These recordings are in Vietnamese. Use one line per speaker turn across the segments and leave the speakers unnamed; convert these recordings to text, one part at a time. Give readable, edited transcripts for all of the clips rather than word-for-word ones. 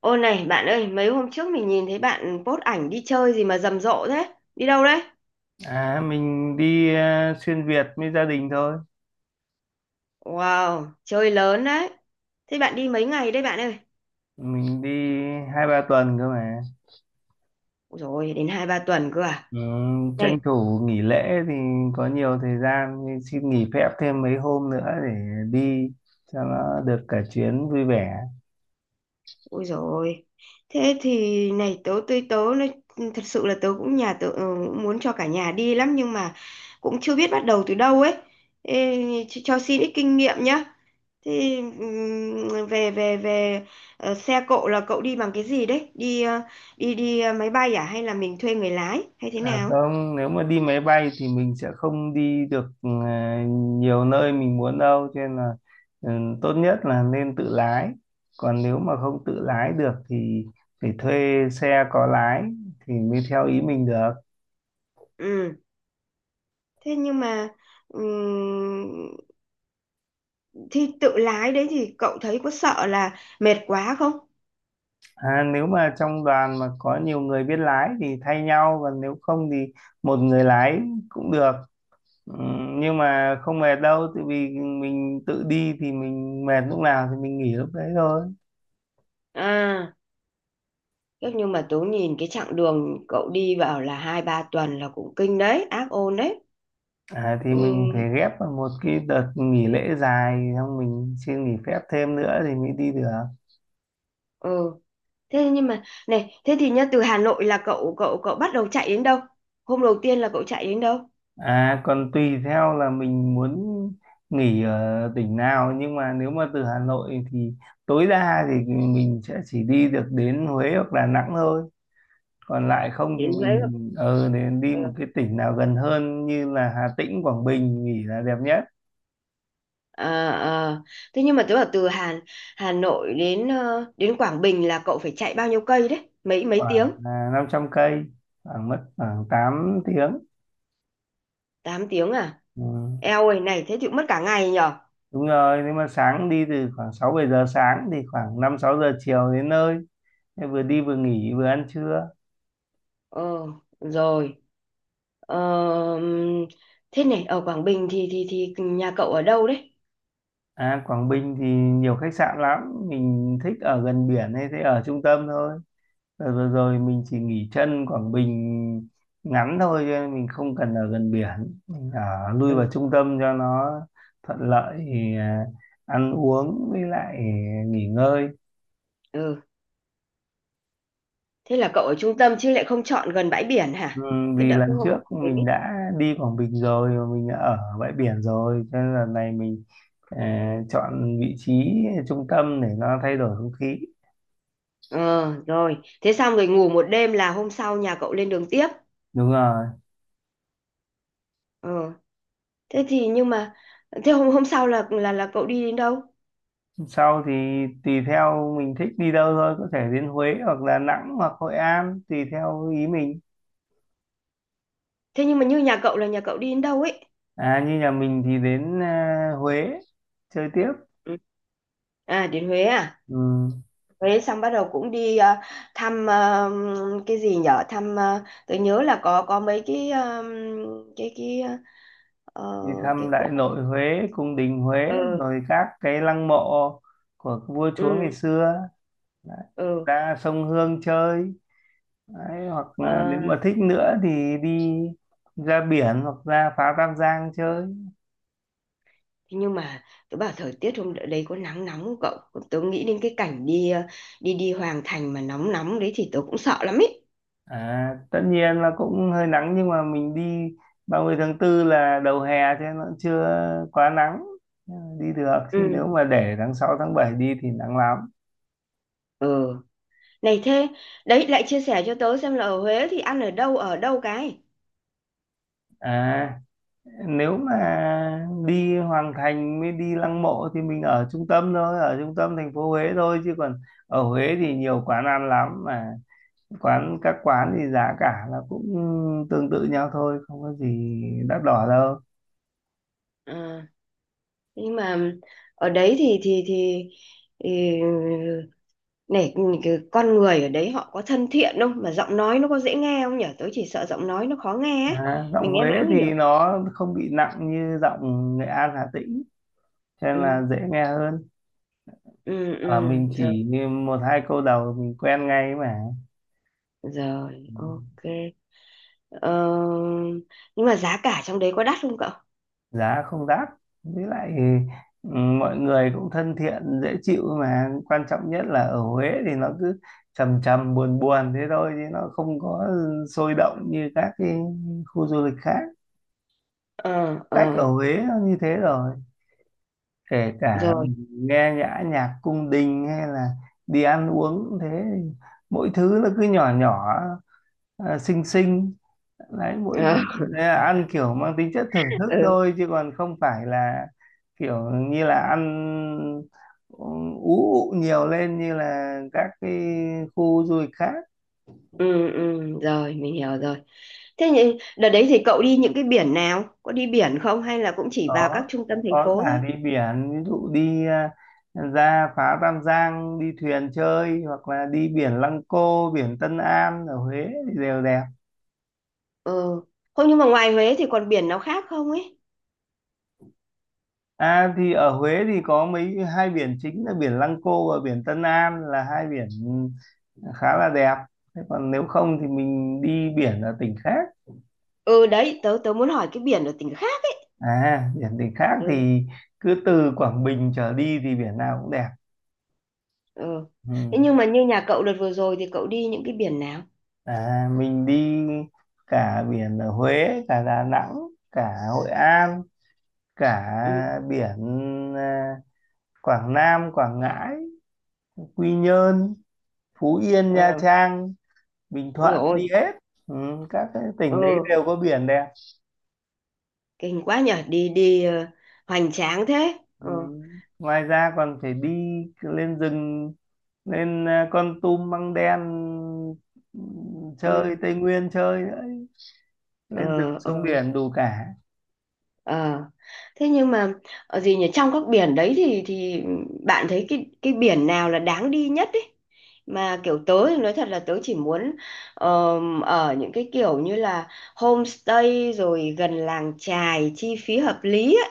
Ô này bạn ơi, mấy hôm trước mình nhìn thấy bạn post ảnh đi chơi gì mà rầm rộ thế? Đi đâu đấy?
À, mình đi xuyên Việt với gia đình thôi.
Wow, chơi lớn đấy. Thế bạn đi mấy ngày đấy bạn ơi?
Mình đi hai ba tuần cơ mà.
Ôi dồi, đến 2 3 tuần cơ à?
Ừ,
Này,
tranh thủ nghỉ lễ thì có nhiều thời gian thì xin nghỉ phép thêm mấy hôm nữa để đi cho nó được cả chuyến vui vẻ.
ôi dồi. Thế thì này tớ tớ tớ nói, thật sự là tớ cũng nhà tớ cũng muốn cho cả nhà đi lắm nhưng mà cũng chưa biết bắt đầu từ đâu ấy. Ê, cho xin ít kinh nghiệm nhá. Thì về về về xe cộ là cậu đi bằng cái gì đấy? Đi đi đi ờ, máy bay à hay là mình thuê người lái hay thế
À
nào?
không, nếu mà đi máy bay thì mình sẽ không đi được nhiều nơi mình muốn đâu, cho nên là ừ, tốt nhất là nên tự lái. Còn nếu mà không tự lái được thì phải thuê xe có lái thì mới theo ý mình được.
Ừ. Thế nhưng mà ừm, thì tự lái đấy thì cậu thấy có sợ là mệt quá không?
À, nếu mà trong đoàn mà có nhiều người biết lái thì thay nhau, còn nếu không thì một người lái cũng được, ừ, nhưng mà không mệt đâu tại vì mình tự đi thì mình mệt lúc nào thì mình nghỉ lúc đấy thôi.
À, chắc nhưng mà tớ nhìn cái chặng đường cậu đi vào là hai ba tuần là cũng kinh đấy, ác ôn đấy.
À, thì mình phải
Ừm,
ghép vào một cái đợt nghỉ lễ dài xong mình xin nghỉ phép thêm nữa thì mới đi được.
ừ. Thế nhưng mà này, thế thì nhá từ Hà Nội là cậu cậu cậu bắt đầu chạy đến đâu? Hôm đầu tiên là cậu chạy đến đâu?
À, còn tùy theo là mình muốn nghỉ ở tỉnh nào, nhưng mà nếu mà từ Hà Nội thì tối đa thì mình sẽ chỉ đi được đến Huế hoặc Đà Nẵng thôi, còn lại không
Chị
thì
thấy không?
mình để đi
Ừ.
một cái tỉnh nào gần hơn như là Hà Tĩnh, Quảng Bình nghỉ là đẹp nhất.
Ờ, ờ. Thế nhưng mà tức là từ Hà Hà Nội đến đến Quảng Bình là cậu phải chạy bao nhiêu cây đấy? Mấy mấy tiếng?
Khoảng à, 500 cây, khoảng mất khoảng 8 tiếng.
Tám tiếng à?
Ừ.
Eo ơi này thế thì cũng mất cả ngày nhở?
Đúng rồi, nếu mà sáng đi từ khoảng 6 7 giờ sáng thì khoảng 5 6 giờ chiều đến nơi. Thế vừa đi vừa nghỉ vừa ăn trưa.
Ờ rồi. Ờ, ừm, thế này ở Quảng Bình thì thì nhà cậu ở đâu đấy?
À, Quảng Bình thì nhiều khách sạn lắm, mình thích ở gần biển hay thế ở trung tâm thôi. Đợt vừa rồi mình chỉ nghỉ chân Quảng Bình ngắn thôi, cho nên mình không cần ở gần biển, mình ở lui vào
Ừ,
trung tâm cho nó thuận lợi thì, à, ăn uống với lại nghỉ ngơi.
ừ. Thế là cậu ở trung tâm chứ lại không chọn gần bãi biển
Ừ,
hả? Cái
vì
đợi cái
lần
hôm ở
trước
Quảng Bình
mình
ấy.
đã đi Quảng Bình rồi mà mình đã ở bãi biển rồi, cho nên lần này mình à, chọn vị trí trung tâm để nó thay đổi không khí.
Ờ rồi, thế xong rồi ngủ một đêm là hôm sau nhà cậu lên đường tiếp.
Đúng rồi.
Ờ, thế thì nhưng mà thế hôm hôm sau là là cậu đi đến đâu?
Sau thì tùy theo mình thích đi đâu thôi, có thể đến Huế hoặc Đà Nẵng hoặc Hội An tùy theo ý mình.
Thế nhưng mà như nhà cậu là nhà cậu đi đến đâu ấy?
À, như nhà mình thì đến à, Huế chơi tiếp.
Ừ. À, đến Huế à?
Ừ.
Huế xong bắt đầu cũng đi thăm cái gì nhở, thăm tôi nhớ là có mấy cái cái ờ,
Đi
cái
thăm
cỗ.
Đại Nội Huế, cung đình Huế
Ừ.
rồi các cái lăng mộ của vua chúa ngày
Ừ.
xưa. Đấy.
Ừ.
Ra sông Hương chơi. Đấy, hoặc là nếu
Ờ.
mà thích nữa thì đi ra biển hoặc ra phá Tam Giang chơi.
Thế nhưng mà tôi bảo thời tiết hôm đấy có nắng nóng không cậu? Tôi nghĩ đến cái cảnh đi đi đi Hoàng Thành mà nóng nóng đấy thì tôi cũng sợ lắm ấy.
À, tất nhiên là cũng hơi nắng nhưng mà mình đi 30 tháng 4 là đầu hè, cho nên nó chưa quá nắng, đi được, chứ
Ừ.
nếu mà để tháng 6 tháng 7 đi thì nắng lắm.
Ừ. Này thế, đấy lại chia sẻ cho tớ xem là ở Huế thì ăn ở đâu cái.
À, nếu mà đi Hoàng Thành mới đi Lăng Mộ thì mình ở trung tâm thôi, ở trung tâm thành phố Huế thôi, chứ còn ở Huế thì nhiều quán ăn lắm mà các quán thì giá cả là cũng tương tự nhau thôi, không có gì đắt đỏ đâu.
À, nhưng mà ở đấy thì thì này cái con người ở đấy họ có thân thiện không mà giọng nói nó có dễ nghe không nhỉ? Tớ chỉ sợ giọng nói nó khó nghe ấy.
À, giọng
Mình nghe mãi
Huế
không hiểu.
thì nó không bị nặng như giọng Nghệ An, Hà Tĩnh, cho nên
Ừ.
là dễ nghe hơn.
Ừ.
Ở
Ừ
mình
rồi,
chỉ một hai câu đầu mình quen ngay mà.
rồi ok. Ờ, nhưng mà giá cả trong đấy có đắt không cậu?
Giá không đắt, với lại ừ, mọi người cũng thân thiện dễ chịu, mà quan trọng nhất là ở Huế thì nó cứ trầm trầm buồn buồn thế thôi, chứ nó không có sôi động như các cái khu du lịch khác.
Ờ,
Cách ở
ờ
Huế nó như thế rồi, kể cả
rồi.
nghe nhã nhạc cung đình hay là đi ăn uống cũng thế, mỗi thứ nó cứ nhỏ nhỏ, à, xinh xinh, đấy, mỗi
Ờ,
ăn kiểu mang tính chất thưởng thức
ừ.
thôi chứ còn không phải là kiểu như là ăn ừ, ú ụ nhiều lên như là các cái khu du lịch khác.
Ừ, ừ rồi mình hiểu rồi. Thế nhưng đợt đấy thì cậu đi những cái biển nào, có đi biển không hay là cũng chỉ vào các
có
trung tâm thành
có
phố
cả
thôi?
đi biển, ví dụ đi à, ra phá Tam Giang đi thuyền chơi, hoặc là đi biển Lăng Cô, biển Tân An ở Huế thì đều đẹp.
Ừ, không nhưng mà ngoài Huế thì còn biển nào khác không ấy?
À, thì ở Huế thì có hai biển chính là biển Lăng Cô và biển Tân An, là hai biển ừ, khá là đẹp. Thế còn nếu không thì mình đi biển ở tỉnh khác.
Ừ, đấy tớ tớ muốn hỏi cái biển ở tỉnh khác.
À, biển tỉnh khác
Ừ.
thì cứ từ Quảng Bình trở đi thì biển nào cũng đẹp.
Ừ.
Ừ.
Thế nhưng mà như nhà cậu đợt vừa rồi thì cậu đi những cái biển nào?
À, mình đi cả biển ở Huế, cả Đà Nẵng, cả Hội An, cả
Ừ.
biển à, Quảng Nam, Quảng Ngãi, Quy Nhơn, Phú Yên, Nha
Ờ.
Trang, Bình
Ôi
Thuận
dồi ôi.
đi hết. Ừ, các cái tỉnh đấy
Ừ.
đều có biển đẹp.
Kinh quá nhở, đi đi ờ, hoành tráng thế.
Ừ.
Ừ.
Ngoài ra còn phải đi lên rừng, lên à, Kon Tum, Măng Đen, ừ, chơi
Ừ.
Tây Nguyên chơi nữa.
Ờ.
Lên rừng xuống
Ờ.
biển đủ cả.
Ờ. Thế nhưng mà gì nhỉ, trong các biển đấy thì bạn thấy cái biển nào là đáng đi nhất ấy? Mà kiểu tớ thì nói thật là tớ chỉ muốn ở những cái kiểu như là homestay rồi gần làng chài chi phí hợp lý ấy.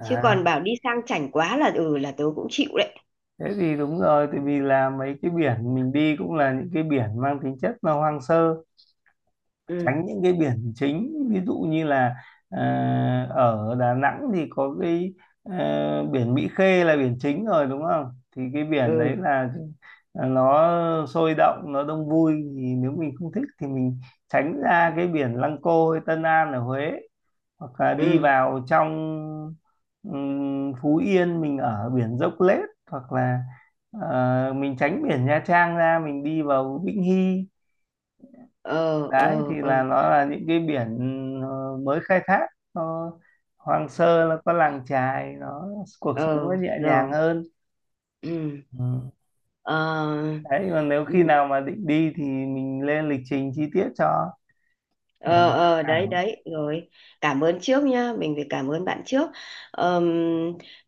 Chứ còn bảo đi sang chảnh quá là ừ là tớ cũng chịu đấy.
thế thì đúng rồi tại vì là mấy cái biển mình đi cũng là những cái biển mang tính chất là hoang sơ,
Ừ.
tránh những cái biển chính, ví dụ như là ờ, ở Đà Nẵng thì có cái biển Mỹ Khê là biển chính rồi đúng không, thì cái biển đấy
Ừ.
là nó sôi động, nó đông vui, thì nếu mình không thích thì mình tránh ra cái biển Lăng Cô hay Tân An ở Huế, hoặc là đi
Ừ.
vào trong Phú Yên mình ở biển Dốc Lết, hoặc là mình tránh biển Nha Trang ra, mình đi vào Vĩnh Hy.
Ờ.
Đấy, thì
Ờ. Ờ.
là nó là những cái biển mới khai thác, nó hoang sơ, nó có làng chài, nó cuộc sống
Ờ
nó nhẹ nhàng
rồi.
hơn.
Ừ.
Ừ.
Ờ.
Đấy, còn nếu khi
Ừ.
nào mà định đi thì mình lên lịch trình chi tiết cho để
Ờ,
mà tham
ờ đấy,
khảo.
đấy rồi. Cảm ơn trước nhá, mình phải cảm ơn bạn trước. Ờm,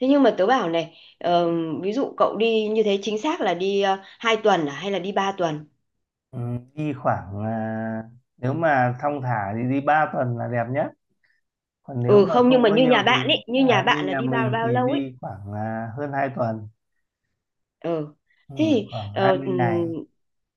thế nhưng mà tớ bảo này, ví dụ cậu đi như thế chính xác là đi 2 tuần à hay là đi ba tuần?
Ừ, đi khoảng à, nếu mà thong thả thì đi 3 tuần là đẹp nhất, còn nếu
Ừ,
mà
không nhưng
không
mà
có
như nhà
nhiều thì
bạn ấy, như nhà
à,
bạn
như
là
nhà
đi bao
mình
bao
thì
lâu ấy?
đi khoảng à, hơn 2 tuần.
Ừ,
Ừ.
thế thì
Khoảng hai mươi ngày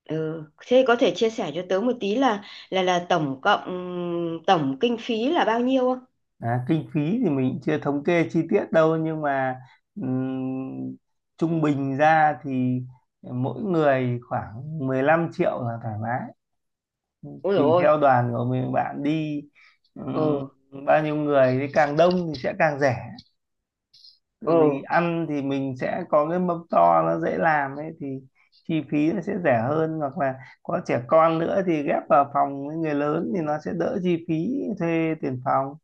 ừ, thế có thể chia sẻ cho tớ một tí là là tổng cộng tổng kinh phí là bao nhiêu không?
À, kinh phí thì mình chưa thống kê chi tiết đâu, nhưng mà ừm, trung bình ra thì mỗi người khoảng 15 triệu là thoải mái,
Ôi dồi
tùy
ôi.
theo đoàn của mình bạn đi ừm,
Ừ.
bao nhiêu người, thì càng đông thì sẽ càng rẻ. Tại
Ừ.
vì ăn thì mình sẽ có cái mâm to nó dễ làm ấy thì chi phí nó sẽ rẻ hơn, hoặc là có trẻ con nữa thì ghép vào phòng với người lớn thì nó sẽ đỡ chi phí thuê tiền phòng.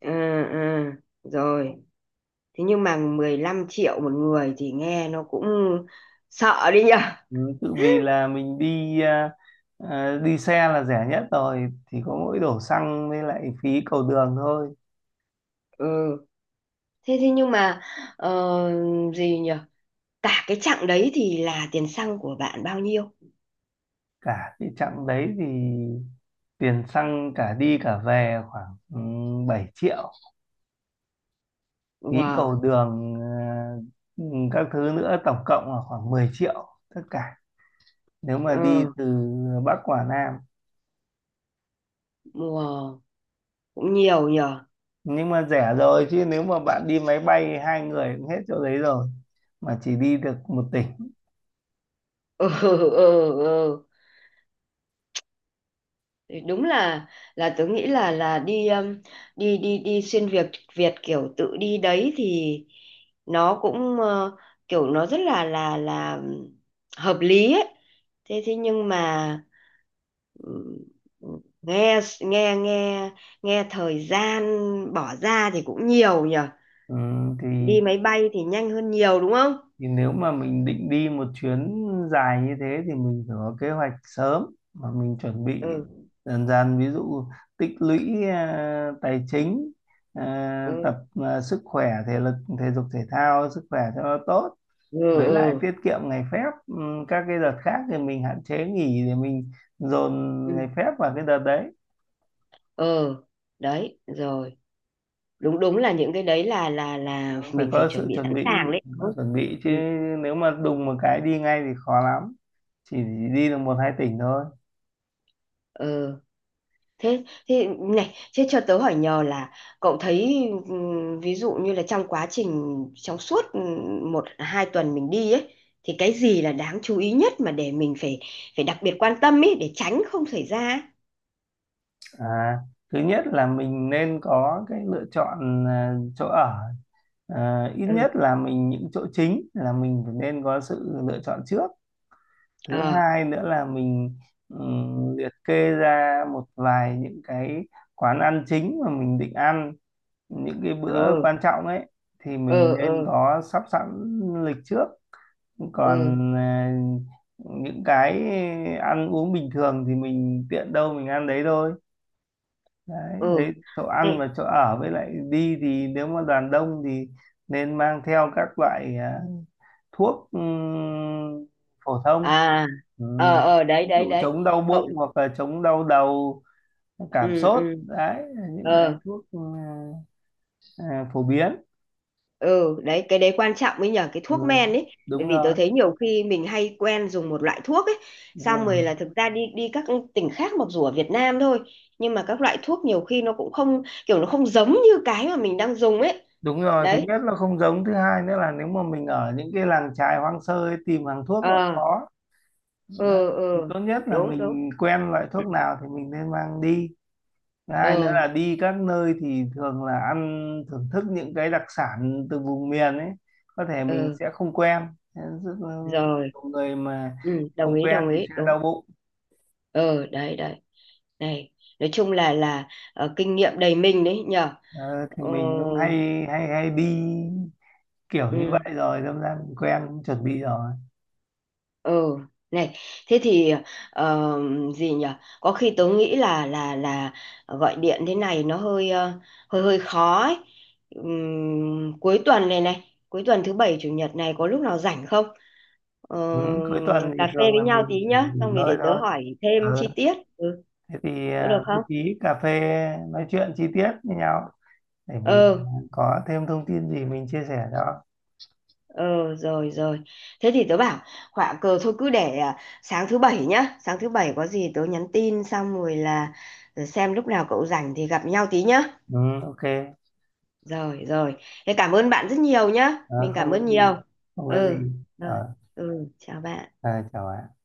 Ừ. Ừ rồi. Thế nhưng mà 15 triệu một người thì nghe nó cũng sợ đi nhở.
Ừ, tự vì là mình đi à, đi xe là rẻ nhất rồi thì có mỗi đổ xăng với lại phí cầu đường thôi.
Ừ. Thế thế nhưng mà ờ, gì nhở? Cả cái chặng đấy thì là tiền xăng của bạn bao nhiêu?
Cả cái chặng đấy thì tiền xăng cả đi cả về khoảng ừ, 7 triệu, phí cầu
Wow.
đường à, ừ, các thứ nữa tổng cộng là khoảng 10 triệu tất cả, nếu mà
Ờ,
đi từ Bắc qua Nam.
wow. Cũng nhiều nhở.
Nhưng mà rẻ rồi chứ nếu mà bạn đi máy bay hai người cũng hết chỗ đấy rồi, mà chỉ đi được một tỉnh.
Ừ, ừ, ừ. Thì đúng là tớ nghĩ là đi đi xuyên Việt Việt kiểu tự đi đấy thì nó cũng kiểu nó rất là là hợp lý ấy. Thế thế nhưng mà ừm, nghe nghe thời gian bỏ ra thì cũng nhiều nhở.
Ừ, thì
Đi máy bay thì nhanh hơn nhiều đúng không?
thì nếu mà mình định đi một chuyến dài như thế thì mình phải có kế hoạch sớm, mà mình chuẩn bị
Ừ.
dần dần, ví dụ tích lũy à, tài chính, à, tập
Ừ.
à, sức khỏe thể lực, thể dục thể thao sức khỏe cho nó tốt,
Ừ.
với lại
Ừ.
tiết kiệm ngày phép. Các cái đợt khác thì mình hạn chế nghỉ để mình dồn
Ừ.
ngày phép vào cái đợt đấy.
Ừ. Đấy, rồi. Đúng, đúng là những cái đấy là là
Phải
mình phải
có
chuẩn
sự
bị
chuẩn
sẵn
bị,
sàng đấy.
phải
Ừ.
chuẩn bị chứ,
Ừ.
nếu mà đùng một cái đi ngay thì khó lắm, chỉ đi được một hai tỉnh thôi.
Ờ, thế thế này, thế cho tớ hỏi nhờ là cậu thấy ví dụ như là trong quá trình, trong suốt một hai tuần mình đi ấy thì cái gì là đáng chú ý nhất mà để mình phải phải đặc biệt quan tâm ấy để tránh không xảy ra ấy?
À, thứ nhất là mình nên có cái lựa chọn à, chỗ ở, à, ít
Ừ.
nhất là mình những chỗ chính là mình phải nên có sự lựa chọn trước. Thứ
Ờ.
hai nữa là mình liệt kê ra một vài những cái quán ăn chính mà mình định ăn những cái bữa
Ừ.
quan trọng ấy thì mình
Ừ.
nên
Ừ.
có sắp sẵn lịch trước.
Ừ.
Còn à, những cái ăn uống bình thường thì mình tiện đâu mình ăn đấy thôi. Đấy,
Ừ.
đấy chỗ ăn
Này.
và chỗ ở, với lại đi thì nếu mà đoàn đông thì nên mang theo các loại à, thuốc phổ thông.
À.
Ừ.
Ờ, ờ đấy,
Ví
đấy,
dụ
đấy.
chống đau
Cậu.
bụng hoặc là chống đau đầu, cảm
Ừ.
sốt,
Ừ.
đấy là những cái
Ờ.
thuốc ừ, à, phổ biến.
Ừ, đấy cái đấy quan trọng ấy nhờ, cái thuốc
Ừ.
men ấy. Bởi
Đúng
vì tôi
rồi,
thấy nhiều khi mình hay quen dùng một loại thuốc ấy,
đúng
xong
rồi,
rồi là thực ra đi đi các tỉnh khác mặc dù ở Việt Nam thôi nhưng mà các loại thuốc nhiều khi nó cũng không kiểu nó không giống như cái mà mình đang dùng ấy.
đúng rồi. Thứ
Đấy.
nhất là không giống, thứ hai nữa là nếu mà mình ở những cái làng chài hoang sơ ấy, tìm hàng thuốc là
Ờ.
khó.
Ừ.
Đấy, thì
Ừ.
tốt nhất là
Đúng, đúng.
mình quen loại thuốc nào thì mình nên mang đi. Thứ hai nữa
Ờ.
là đi các nơi thì thường là ăn thưởng thức những cái đặc sản từ vùng miền ấy, có thể mình
Ờ
sẽ không quen. Thế rất là
rồi.
nhiều người mà
Ừ, đồng
không
ý,
quen
đồng
thì
ý,
sẽ
đúng.
đau bụng.
Ờ đấy, đấy. Này, nói chung là kinh nghiệm đầy mình đấy nhờ.
Ờ, thì
Ờ,
mình cũng hay hay hay đi kiểu như
ừ.
vậy rồi đâm ra mình quen cũng chuẩn bị rồi.
Ừ, này, thế thì ờ, gì nhỉ? Có khi tớ nghĩ là là gọi điện thế này nó hơi hơi hơi khó ấy. Cuối tuần này, này, cuối tuần thứ bảy chủ nhật này có lúc nào rảnh không? Ờ,
Ừ, cuối tuần thì
cà phê
thường
với
là
nhau
mình
tí
chỉ
nhá,
nghỉ
xong rồi
ngơi
để tớ
thôi.
hỏi
Ờ,
thêm chi tiết. Ừ,
thế thì
có được
à, bố
không?
trí cà phê nói chuyện chi tiết với nhau để mình
Ừ.
có thêm thông tin gì mình chia sẻ cho.
Ờ rồi, rồi. Thế thì tớ bảo họa cờ thôi, cứ để à, sáng thứ bảy nhá. Sáng thứ bảy có gì tớ nhắn tin xong rồi là xem lúc nào cậu rảnh thì gặp nhau tí nhá.
Ừ, ok.
Rồi, rồi. Thế cảm ơn bạn rất nhiều nhá.
Ờ,
Mình
không
cảm
có
ơn
gì,
nhiều.
không có
Ừ
gì.
rồi.
ờ
Ừ, chào bạn.
À, chào bạn.